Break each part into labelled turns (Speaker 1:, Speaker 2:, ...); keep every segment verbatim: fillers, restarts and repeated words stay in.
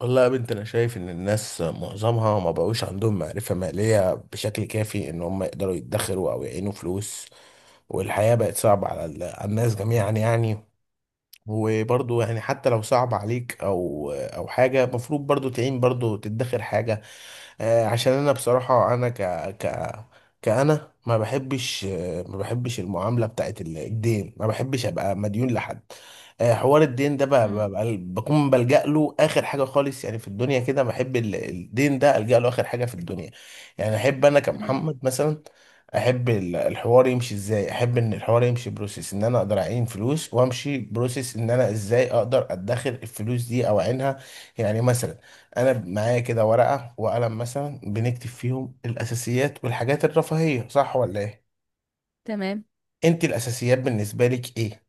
Speaker 1: والله يا بنت، انا شايف ان الناس معظمها ما بقوش عندهم معرفة مالية بشكل كافي ان هم يقدروا يدخروا او يعينوا فلوس. والحياة بقت صعبة على ال- على الناس جميعا يعني. وبرضو يعني حتى لو صعب عليك او او حاجة، المفروض برضو تعين، برضو تدخر حاجة. آه، عشان انا بصراحة انا ك ك كأنا ما بحبش، آه، ما بحبش المعاملة بتاعت ال- الدين، ما بحبش ابقى مديون لحد. آه، حوار الدين ده ب-
Speaker 2: مم.
Speaker 1: ب- ب- بكون بلجأ له اخر حاجة خالص يعني في الدنيا كده. بحب ال- الدين ده، ألجأ له اخر حاجة في الدنيا. يعني احب انا
Speaker 2: مم.
Speaker 1: كمحمد مثلا، احب ال- الحوار يمشي ازاي. احب ان الحوار يمشي بروسيس ان انا اقدر اعين فلوس، وامشي بروسيس ان انا ازاي اقدر ادخر الفلوس دي او اعينها. يعني مثلا انا معايا كده ورقه وقلم، مثلا بنكتب فيهم الاساسيات والحاجات الرفاهيه، صح ولا ايه؟
Speaker 2: تمام.
Speaker 1: انت الاساسيات بالنسبه لك ايه؟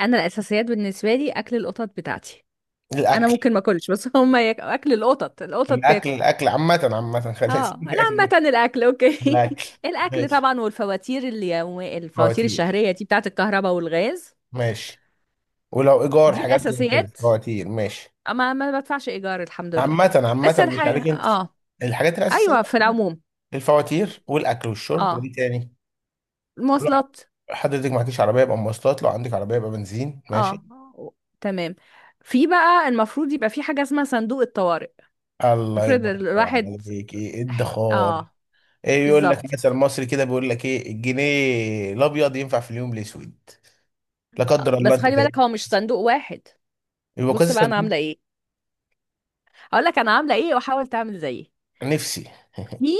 Speaker 2: انا الاساسيات بالنسبه لي اكل القطط بتاعتي. انا
Speaker 1: الاكل.
Speaker 2: ممكن ما اكلش، بس هما ياك... اكل القطط القطط
Speaker 1: الاكل
Speaker 2: تاكل.
Speaker 1: الاكل عامه عامه خلينا نسيب
Speaker 2: اه لا،
Speaker 1: الاكل.
Speaker 2: عامه الاكل اوكي.
Speaker 1: الاكل
Speaker 2: الاكل
Speaker 1: ماشي،
Speaker 2: طبعا، والفواتير اليومية، الفواتير
Speaker 1: فواتير
Speaker 2: الشهريه دي بتاعه الكهرباء والغاز.
Speaker 1: ماشي، ولو ايجار
Speaker 2: دي
Speaker 1: حاجات زي كده
Speaker 2: الاساسيات.
Speaker 1: فواتير ماشي.
Speaker 2: اما ما بدفعش ايجار الحمد لله.
Speaker 1: عامه
Speaker 2: بس
Speaker 1: عامه، مش
Speaker 2: الحاجه
Speaker 1: عليك انت.
Speaker 2: اه
Speaker 1: الحاجات الاساسيه،
Speaker 2: ايوه في العموم.
Speaker 1: الفواتير والاكل والشرب،
Speaker 2: اه،
Speaker 1: وايه تاني؟ ولو
Speaker 2: المواصلات.
Speaker 1: حضرتك معكيش عربيه يبقى مواصلات، لو عندك عربيه يبقى بنزين ماشي.
Speaker 2: اه تمام. في بقى المفروض يبقى في حاجه اسمها صندوق الطوارئ.
Speaker 1: الله
Speaker 2: افرض
Speaker 1: ينور
Speaker 2: الواحد.
Speaker 1: عليك، ايه الدخار؟
Speaker 2: اه،
Speaker 1: ايه، يقول لك
Speaker 2: بالظبط.
Speaker 1: مثل مصري كده بيقول لك ايه: الجنيه الابيض ينفع في اليوم الاسود. لا قدر الله،
Speaker 2: بس
Speaker 1: انت
Speaker 2: خلي بالك
Speaker 1: فاهم.
Speaker 2: هو مش صندوق واحد.
Speaker 1: يبقى كذا
Speaker 2: بص بقى انا
Speaker 1: صندوق.
Speaker 2: عامله ايه، هقول لك انا عامله ايه وحاول تعمل زيي.
Speaker 1: نفسي.
Speaker 2: في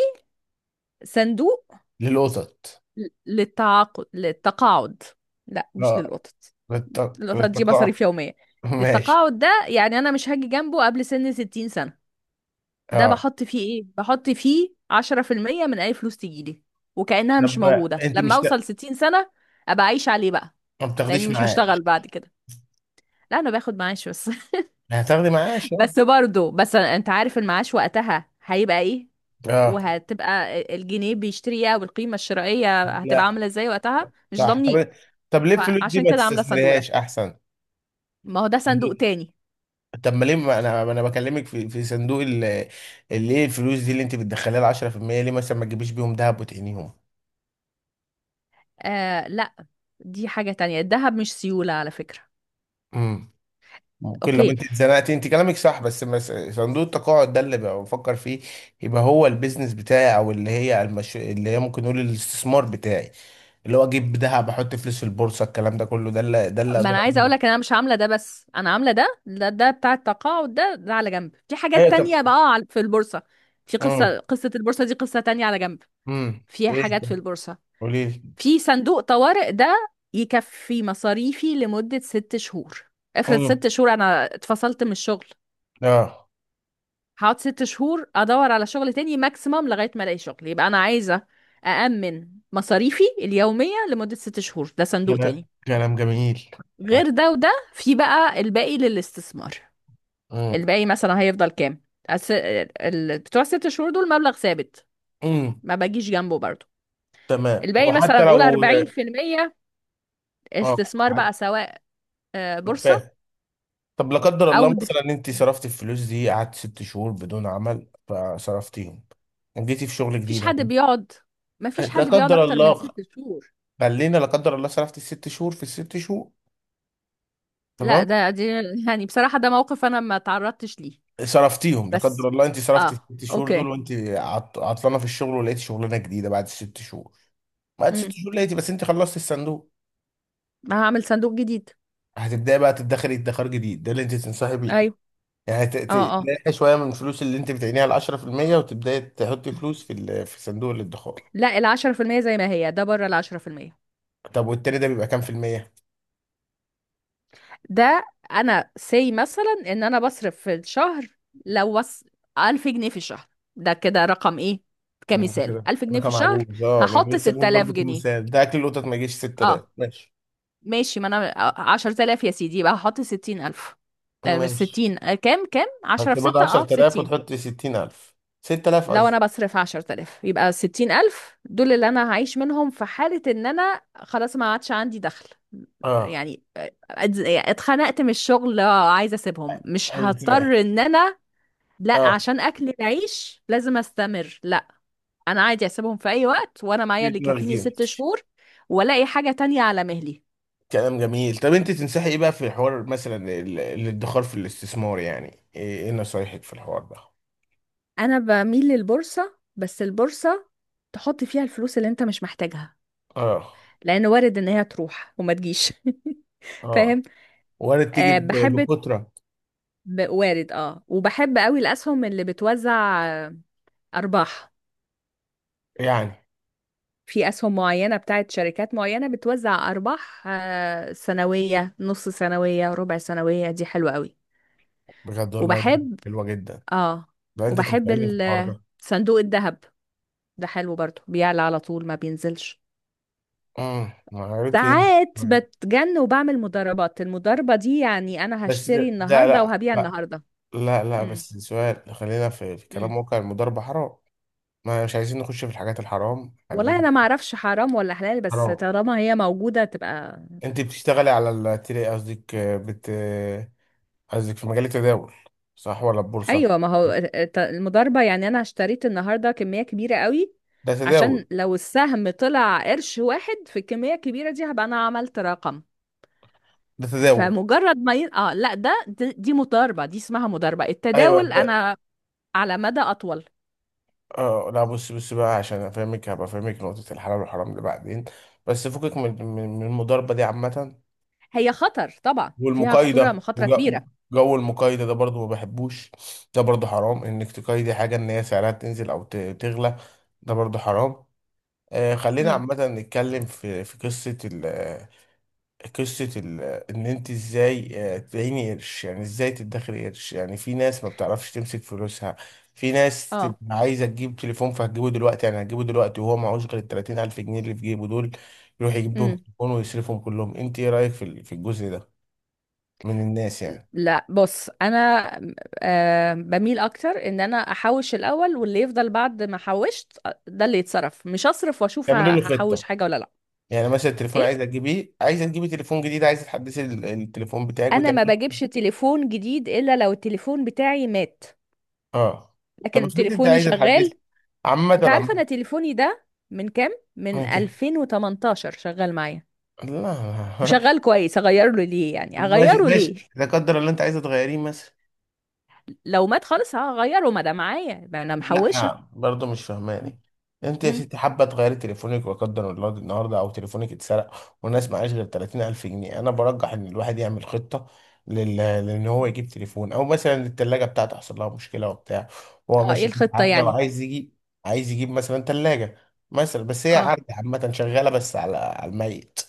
Speaker 2: صندوق
Speaker 1: للقطط.
Speaker 2: ل- للتعاقد للتقاعد. لا مش
Speaker 1: اه،
Speaker 2: للقطط،
Speaker 1: للت-
Speaker 2: القطط دي
Speaker 1: للتقاع.
Speaker 2: مصاريف يوميه.
Speaker 1: ماشي.
Speaker 2: للتقاعد ده، يعني انا مش هاجي جنبه قبل سن ستين سنه. ده
Speaker 1: اه
Speaker 2: بحط فيه ايه؟ بحط فيه عشرة في المئة من اي فلوس تجيلي، وكانها مش
Speaker 1: طب
Speaker 2: موجوده
Speaker 1: انت
Speaker 2: لما
Speaker 1: مش ت-
Speaker 2: اوصل ستين سنه ابقى اعيش عليه بقى،
Speaker 1: ما
Speaker 2: لاني
Speaker 1: بتاخديش
Speaker 2: مش هشتغل
Speaker 1: معاش؟
Speaker 2: بعد كده. لا انا باخد معاش بس.
Speaker 1: هتاخدي معاش، اه.
Speaker 2: بس برضو، بس انت عارف المعاش وقتها هيبقى ايه،
Speaker 1: اه
Speaker 2: وهتبقى الجنيه بيشتري ايه، والقيمة الشرائية هتبقى
Speaker 1: لا،
Speaker 2: عاملة ازاي وقتها مش
Speaker 1: صح.
Speaker 2: ضامنين.
Speaker 1: طب طب ليه الفلوس دي
Speaker 2: فعشان
Speaker 1: ما
Speaker 2: كده عاملة الصندوق ده.
Speaker 1: تستثمريهاش احسن؟
Speaker 2: ما هو ده صندوق تاني.
Speaker 1: طب ما ليه، ما انا ما انا بكلمك في في صندوق ال- اللي ايه الفلوس دي اللي انت بتدخليها ال عشرة في المية، ليه مثلا ما تجيبيش بيهم دهب وتقنيهم؟
Speaker 2: آه لا، دي حاجة تانية، الذهب مش سيولة على فكرة.
Speaker 1: امم ممكن لو
Speaker 2: اوكي.
Speaker 1: انت اتزنقتي، انت كلامك صح، بس مس- صندوق التقاعد ده اللي بقى بفكر فيه. يبقى هو البيزنس بتاعي، او اللي هي المش... اللي هي ممكن نقول الاستثمار بتاعي، اللي هو اجيب ذهب، احط فلوس في البورصه، الكلام ده كله، ده اللي ده اللي
Speaker 2: ما
Speaker 1: اقدر
Speaker 2: انا عايزة
Speaker 1: اقوله.
Speaker 2: اقولك ان انا مش عاملة ده، بس انا عاملة ده، ده, ده بتاع التقاعد ده ده على جنب. في
Speaker 1: ايوه
Speaker 2: حاجات
Speaker 1: طب.
Speaker 2: تانية بقى على- في البورصة. في
Speaker 1: امم
Speaker 2: قصة قصة البورصة دي، قصة تانية على جنب.
Speaker 1: امم
Speaker 2: فيها
Speaker 1: ايه
Speaker 2: حاجات
Speaker 1: طب؟
Speaker 2: في البورصة.
Speaker 1: قولي لي.
Speaker 2: في صندوق طوارئ ده يكفي مصاريفي لمدة ست شهور. افرض
Speaker 1: امم،
Speaker 2: ست شهور انا اتفصلت من الشغل،
Speaker 1: اه.
Speaker 2: هقعد ست شهور ادور على شغل تاني ماكسيمم، لغاية ما الاقي شغل. يبقى انا عايزة أأمن مصاريفي اليومية لمدة ست شهور، ده صندوق
Speaker 1: كلام
Speaker 2: تاني.
Speaker 1: كلام جميل.
Speaker 2: غير ده وده، في بقى الباقي للاستثمار.
Speaker 1: امم.
Speaker 2: الباقي مثلا هيفضل كام؟ أس... ال... بتوع ست شهور دول مبلغ ثابت،
Speaker 1: امم.
Speaker 2: ما بجيش جنبه برضه.
Speaker 1: تمام،
Speaker 2: الباقي مثلا
Speaker 1: وحتى
Speaker 2: قول
Speaker 1: لو.
Speaker 2: اربعين في المية
Speaker 1: اه.
Speaker 2: استثمار بقى،
Speaker 1: حت-
Speaker 2: سواء آه، بورصة
Speaker 1: فاهم. طب لا قدر
Speaker 2: او
Speaker 1: الله
Speaker 2: د...
Speaker 1: مثلا انت صرفتي الفلوس دي، قعدت ست شهور بدون عمل فصرفتيهم، جيتي في شغل
Speaker 2: مفيش
Speaker 1: جديد
Speaker 2: حد
Speaker 1: يعني.
Speaker 2: بيقعد مفيش
Speaker 1: لا
Speaker 2: حد بيقعد
Speaker 1: قدر
Speaker 2: اكتر من
Speaker 1: الله،
Speaker 2: ست شهور.
Speaker 1: خلينا لا قدر الله، صرفتي الست شهور في الست شهور.
Speaker 2: لا
Speaker 1: تمام.
Speaker 2: ده دي يعني بصراحة ده موقف انا ما تعرضتش ليه.
Speaker 1: صرفتيهم لا قدر
Speaker 2: بس
Speaker 1: الله، انت صرفتي
Speaker 2: اه،
Speaker 1: الست شهور دول
Speaker 2: اوكي.
Speaker 1: وانت عط- عطلانه في الشغل، ولقيتي شغلانه جديده بعد الست شهور، بعد ست
Speaker 2: امم
Speaker 1: شهور لقيتي، بس انت خلصتي الصندوق.
Speaker 2: هعمل صندوق جديد.
Speaker 1: هتبداي بقى تدخري ادخار جديد، ده اللي انت تنصحي بيه؟
Speaker 2: ايوه.
Speaker 1: يعني ت-
Speaker 2: اه
Speaker 1: ت-
Speaker 2: اه،
Speaker 1: تلاقي شويه من الفلوس اللي انت بتعينيها ال عشرة في المية، وتبداي تحطي فلوس في ال- في صندوق الادخار.
Speaker 2: لا العشرة في المية زي ما هي، ده بره العشرة في المية.
Speaker 1: طب والتاني ده بيبقى كام في المية؟
Speaker 2: ده انا سي مثلا ان انا بصرف في الشهر، لو وص ألف جنيه في الشهر. ده كده رقم ايه،
Speaker 1: مم،
Speaker 2: كمثال
Speaker 1: كده
Speaker 2: ألف جنيه في
Speaker 1: رقم
Speaker 2: الشهر.
Speaker 1: عجوز. اه، ما انا
Speaker 2: هحط
Speaker 1: لسه بقول
Speaker 2: ستة آلاف
Speaker 1: برضه
Speaker 2: جنيه
Speaker 1: كمثال. ده اكل القطط ما يجيش ستة آلاف،
Speaker 2: اه
Speaker 1: ماشي.
Speaker 2: ماشي، ما انا عشرة آلاف يا سيدي، يبقى هحط ستين ألف. لا مش
Speaker 1: ماشي،
Speaker 2: ستين، آه، كام، كام عشرة
Speaker 1: هتبقى
Speaker 2: في
Speaker 1: برضه
Speaker 2: ستة، اه
Speaker 1: عشر آلاف
Speaker 2: بستين.
Speaker 1: وتحط ستين ألف. ست آلاف
Speaker 2: لو
Speaker 1: قصدي.
Speaker 2: انا بصرف عشرة آلاف، يبقى ستين ألف دول اللي انا هعيش منهم في حالة ان انا خلاص ما عادش عندي دخل.
Speaker 1: اه
Speaker 2: يعني اتز- اتخنقت من الشغل، آه، عايزة اسيبهم، مش
Speaker 1: حلو كده.
Speaker 2: هضطر ان انا لا
Speaker 1: اه
Speaker 2: عشان اكل العيش لازم استمر لا. انا عادي اسيبهم في اي وقت وانا معايا
Speaker 1: دي
Speaker 2: اللي
Speaker 1: دماغ
Speaker 2: يكفيني ست
Speaker 1: جيمتش.
Speaker 2: شهور والاقي حاجة تانية على مهلي.
Speaker 1: كلام جميل. طب انت تنصحي ايه بقى في حوار مثلا ال- الادخار، في الاستثمار يعني؟ ايه إيه نصايحك في الحوار ده؟
Speaker 2: انا بميل للبورصة، بس البورصة تحط فيها الفلوس اللي انت مش محتاجها،
Speaker 1: اه.
Speaker 2: لان وارد ان هي تروح وما تجيش.
Speaker 1: اه
Speaker 2: فاهم.
Speaker 1: وارد تيجي
Speaker 2: أه
Speaker 1: ب-
Speaker 2: بحب،
Speaker 1: بكترة
Speaker 2: ب- وارد، اه وبحب قوي الاسهم اللي بتوزع آه، ارباح.
Speaker 1: يعني.
Speaker 2: في اسهم معينة بتاعت شركات معينة بتوزع ارباح آه، سنوية، نص سنوية، ربع سنوية، دي حلوة قوي.
Speaker 1: بجد والله.
Speaker 2: وبحب
Speaker 1: حلوة جدا.
Speaker 2: اه
Speaker 1: ده انت
Speaker 2: وبحب
Speaker 1: تنفعيني في الحوار
Speaker 2: ال-
Speaker 1: ده.
Speaker 2: صندوق الذهب. ده حلو برضه، بيعلى على طول ما بينزلش.
Speaker 1: امم، عرفته ينزل.
Speaker 2: ساعات
Speaker 1: طيب.
Speaker 2: بتجن وبعمل مضاربات. المضاربة دي يعني انا
Speaker 1: بس
Speaker 2: هشتري
Speaker 1: ده ده
Speaker 2: النهاردة
Speaker 1: لا
Speaker 2: وهبيع
Speaker 1: لا.
Speaker 2: النهاردة.
Speaker 1: لا لا،
Speaker 2: امم.
Speaker 1: بس سؤال. خلينا في في
Speaker 2: امم.
Speaker 1: كلام واقع، المضاربة حرام. ما مش عايزين نخش في الحاجات الحرام،
Speaker 2: والله
Speaker 1: خلينا.
Speaker 2: انا ما اعرفش حرام ولا حلال، بس
Speaker 1: حرام.
Speaker 2: طالما هي موجودة تبقى.
Speaker 1: انت بتشتغلي على التري، قصدك بت قصدك في مجال التداول، صح ولا البورصة؟
Speaker 2: ايوه، ما هو الت- المضاربة يعني انا اشتريت النهاردة كمية كبيرة قوي،
Speaker 1: ده
Speaker 2: عشان
Speaker 1: تداول.
Speaker 2: لو السهم طلع قرش واحد في الكمية الكبيرة دي هبقى انا عملت رقم.
Speaker 1: ده تداول.
Speaker 2: فمجرد ما ي... اه لا ده، دي دي مضاربة، دي اسمها مضاربة.
Speaker 1: ايوه
Speaker 2: التداول
Speaker 1: ده.
Speaker 2: انا على مدى اطول.
Speaker 1: اه لا، بص بص بقى، عشان افهمك هبقى افهمك نقطة الحلال والحرام دي بعدين، بس فكك من من من المضاربة دي عامة.
Speaker 2: هي خطر طبعا، فيها خطورة،
Speaker 1: والمقايضة،
Speaker 2: مخاطرة كبيرة.
Speaker 1: وجو المقايضة ده برضو ما بحبوش. ده برضو حرام انك تقايضي حاجة ان هي سعرها تنزل او ت- تغلى. ده برضو حرام. آه خلينا
Speaker 2: امم.
Speaker 1: عامة نتكلم في في قصة ال قصة ال ان انت ازاي آه، تعيني قرش، يعني ازاي تدخري قرش. يعني في ناس ما بتعرفش تمسك فلوسها. في ناس
Speaker 2: اه.
Speaker 1: تبقى عايزة تجيب تليفون، فهتجيبه دلوقتي، يعني هتجيبه دلوقتي وهو معهوش غير ال 30000 ألف جنيه اللي في جيبه دول، يروح يجيب بهم
Speaker 2: امم.
Speaker 1: تليفون ويصرفهم كلهم. انت ايه رأيك في ال- في الجزء ده من الناس يعني؟
Speaker 2: لا بص انا آه بميل اكتر ان انا احوش الاول، واللي يفضل بعد ما حوشت آه، ده اللي يتصرف. مش اصرف واشوف ه-
Speaker 1: يعملوا له
Speaker 2: هحوش
Speaker 1: خطه.
Speaker 2: حاجه ولا لا.
Speaker 1: يعني مثلا التليفون،
Speaker 2: ايه.
Speaker 1: عايز اجيبيه، عايز تجيبي تليفون جديد، عايز تحدثي ال- التليفون بتاعك
Speaker 2: انا
Speaker 1: بتاع.
Speaker 2: ما بجيبش تليفون جديد الا لو التليفون بتاعي مات.
Speaker 1: اه طب
Speaker 2: لكن
Speaker 1: افرضي انت
Speaker 2: تليفوني
Speaker 1: عايز تحدثي،
Speaker 2: شغال.
Speaker 1: عامه
Speaker 2: انت عارف
Speaker 1: عامه
Speaker 2: انا تليفوني ده من كام، من
Speaker 1: ماشي.
Speaker 2: ألفين وتمنتاشر شغال معايا،
Speaker 1: لا
Speaker 2: وشغال كويس، اغيره ليه
Speaker 1: طب
Speaker 2: يعني،
Speaker 1: ماشي
Speaker 2: اغيره
Speaker 1: ماشي،
Speaker 2: ليه.
Speaker 1: لا قدر الله انت عايزه تغيريه مثلا.
Speaker 2: لو مات خالص هغيره، ما ده معايا، ما انا محوشه.
Speaker 1: لا برضه مش فهماني. انت يا
Speaker 2: امم.
Speaker 1: ستي حابه تغيري تليفونك، وقدر الله النهارده او تليفونك اتسرق، والناس معاش غير ثلاثين ألف جنيه. انا برجح ان الواحد يعمل خطه لل... لان هو يجيب تليفون، او مثلا الثلاجه بتاعته حصل لها مشكله وبتاع، هو
Speaker 2: اه، ايه
Speaker 1: ماشي بيها
Speaker 2: الخطه
Speaker 1: عرجه
Speaker 2: يعني.
Speaker 1: وعايز يجيب. عايز يجيب مثلا ثلاجه مثلا، بس هي
Speaker 2: اه
Speaker 1: عرجه عامه شغاله بس على على الميت.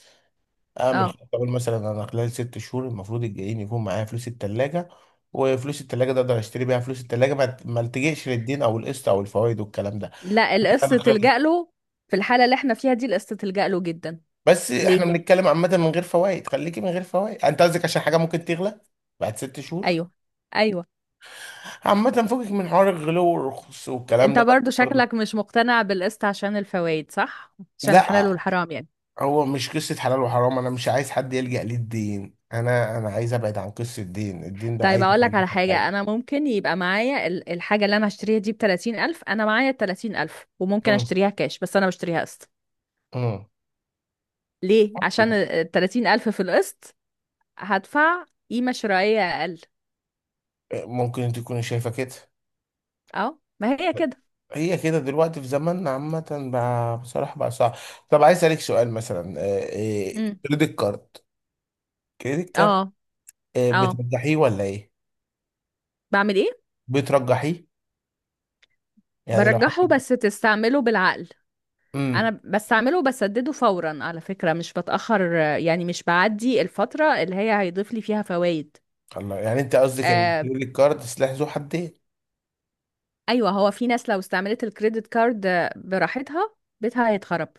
Speaker 1: اعمل
Speaker 2: اه،
Speaker 1: خطه، اقول مثلا انا خلال ست شهور المفروض الجايين يكون معايا فلوس التلاجة، وفلوس التلاجة ده اقدر اشتري بيها فلوس التلاجة، ما ما التجئش للدين او القسط او الفوائد والكلام ده.
Speaker 2: لا
Speaker 1: انا
Speaker 2: القصة
Speaker 1: خلال،
Speaker 2: تلجأ له. في الحالة اللي احنا فيها دي القصة تلجأ له جدا.
Speaker 1: بس احنا
Speaker 2: ليه؟
Speaker 1: بنتكلم عامة من غير فوائد. خليكي من غير فوائد، انت قصدك عشان حاجة ممكن تغلى بعد ست شهور.
Speaker 2: ايوه ايوه.
Speaker 1: عامة فوقك من حوار الغلو والرخص والكلام
Speaker 2: انت
Speaker 1: ده بس
Speaker 2: برضو
Speaker 1: برضه.
Speaker 2: شكلك مش مقتنع بالقسط عشان الفوائد، صح؟ عشان الحلال
Speaker 1: لا،
Speaker 2: والحرام يعني.
Speaker 1: هو مش قصة حلال وحرام، انا مش عايز حد يلجأ للدين، انا انا عايز ابعد عن قصة الدين. الدين ده
Speaker 2: طيب
Speaker 1: عايز
Speaker 2: اقول لك
Speaker 1: يخليني
Speaker 2: على
Speaker 1: في
Speaker 2: حاجة.
Speaker 1: حاجة.
Speaker 2: انا ممكن يبقى معايا ال- الحاجة اللي انا هشتريها دي بتلاتين الف، انا معايا التلاتين الف وممكن
Speaker 1: امم.
Speaker 2: اشتريها كاش، بس انا بشتريها قسط.
Speaker 1: امم.
Speaker 2: ليه؟ عشان التلاتين الف في القسط هدفع قيمة شرائية اقل.
Speaker 1: ممكن تكون شايفة كده.
Speaker 2: اه ما هي كده.
Speaker 1: هي كده دلوقتي في زماننا عامة بقى، بصراحة بقى صعب. طب عايز أسألك سؤال مثلا. آه، آه،
Speaker 2: امم.
Speaker 1: كريدت كارد، كريدت
Speaker 2: اه.
Speaker 1: كارد آه،
Speaker 2: اه،
Speaker 1: بترجحيه ولا إيه؟
Speaker 2: بعمل ايه؟
Speaker 1: بترجحيه. يعني لو حط.
Speaker 2: برجحه، بس تستعمله بالعقل. انا
Speaker 1: امم.
Speaker 2: بستعمله وبسدده فورا على فكرة، مش بتأخر، آه، يعني مش بعدي الفترة اللي هي هيضيف لي فيها فوائد.
Speaker 1: الله، يعني أنت قصدك إن
Speaker 2: آه
Speaker 1: الكريدت كارد سلاح ذو حدين.
Speaker 2: ايوه، هو في ناس لو استعملت الكريدت كارد آه، براحتها بيتها هيتخرب.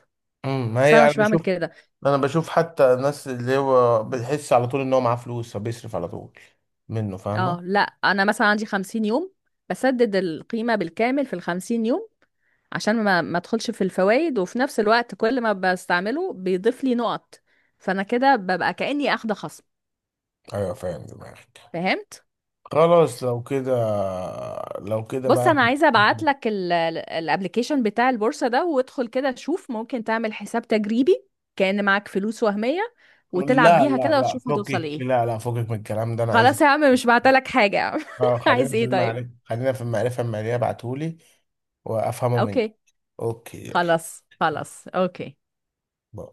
Speaker 1: امم. ما
Speaker 2: بس انا
Speaker 1: هي
Speaker 2: مش
Speaker 1: أنا
Speaker 2: بعمل
Speaker 1: بشوف.
Speaker 2: كده.
Speaker 1: أنا بشوف حتى الناس اللي هو بتحس على طول إن هو معاه فلوس فبيصرف على طول منه، فاهمة؟
Speaker 2: اه لا، انا مثلا عندي خمسين يوم، بسدد القيمة بالكامل في الخمسين يوم، عشان ما ما ادخلش في الفوائد، وفي نفس الوقت كل ما بستعمله بيضيف لي نقط، فانا كده ببقى كأني اخده خصم.
Speaker 1: أيوه فاهم دماغك.
Speaker 2: فهمت.
Speaker 1: خلاص لو كده لو كده
Speaker 2: بص
Speaker 1: بقى.
Speaker 2: انا عايزه ابعت لك الابلكيشن بتاع البورصه ده، وادخل كده شوف ممكن تعمل حساب تجريبي كأن معاك فلوس وهميه، وتلعب
Speaker 1: لا
Speaker 2: بيها
Speaker 1: لا
Speaker 2: كده،
Speaker 1: لا،
Speaker 2: وتشوف هتوصل
Speaker 1: فكك
Speaker 2: ايه.
Speaker 1: لا لا فكك من الكلام ده انا عايز.
Speaker 2: خلاص يا عم مش بعتلك حاجه يا عم.
Speaker 1: اه خلينا
Speaker 2: عايز
Speaker 1: في
Speaker 2: ايه طيب.
Speaker 1: المعرفة، خلينا في المعرفة المالية. ابعتهولي وافهمه مني.
Speaker 2: اوكي.
Speaker 1: اوكي يلا.
Speaker 2: خلاص خلاص اوكي.
Speaker 1: باي.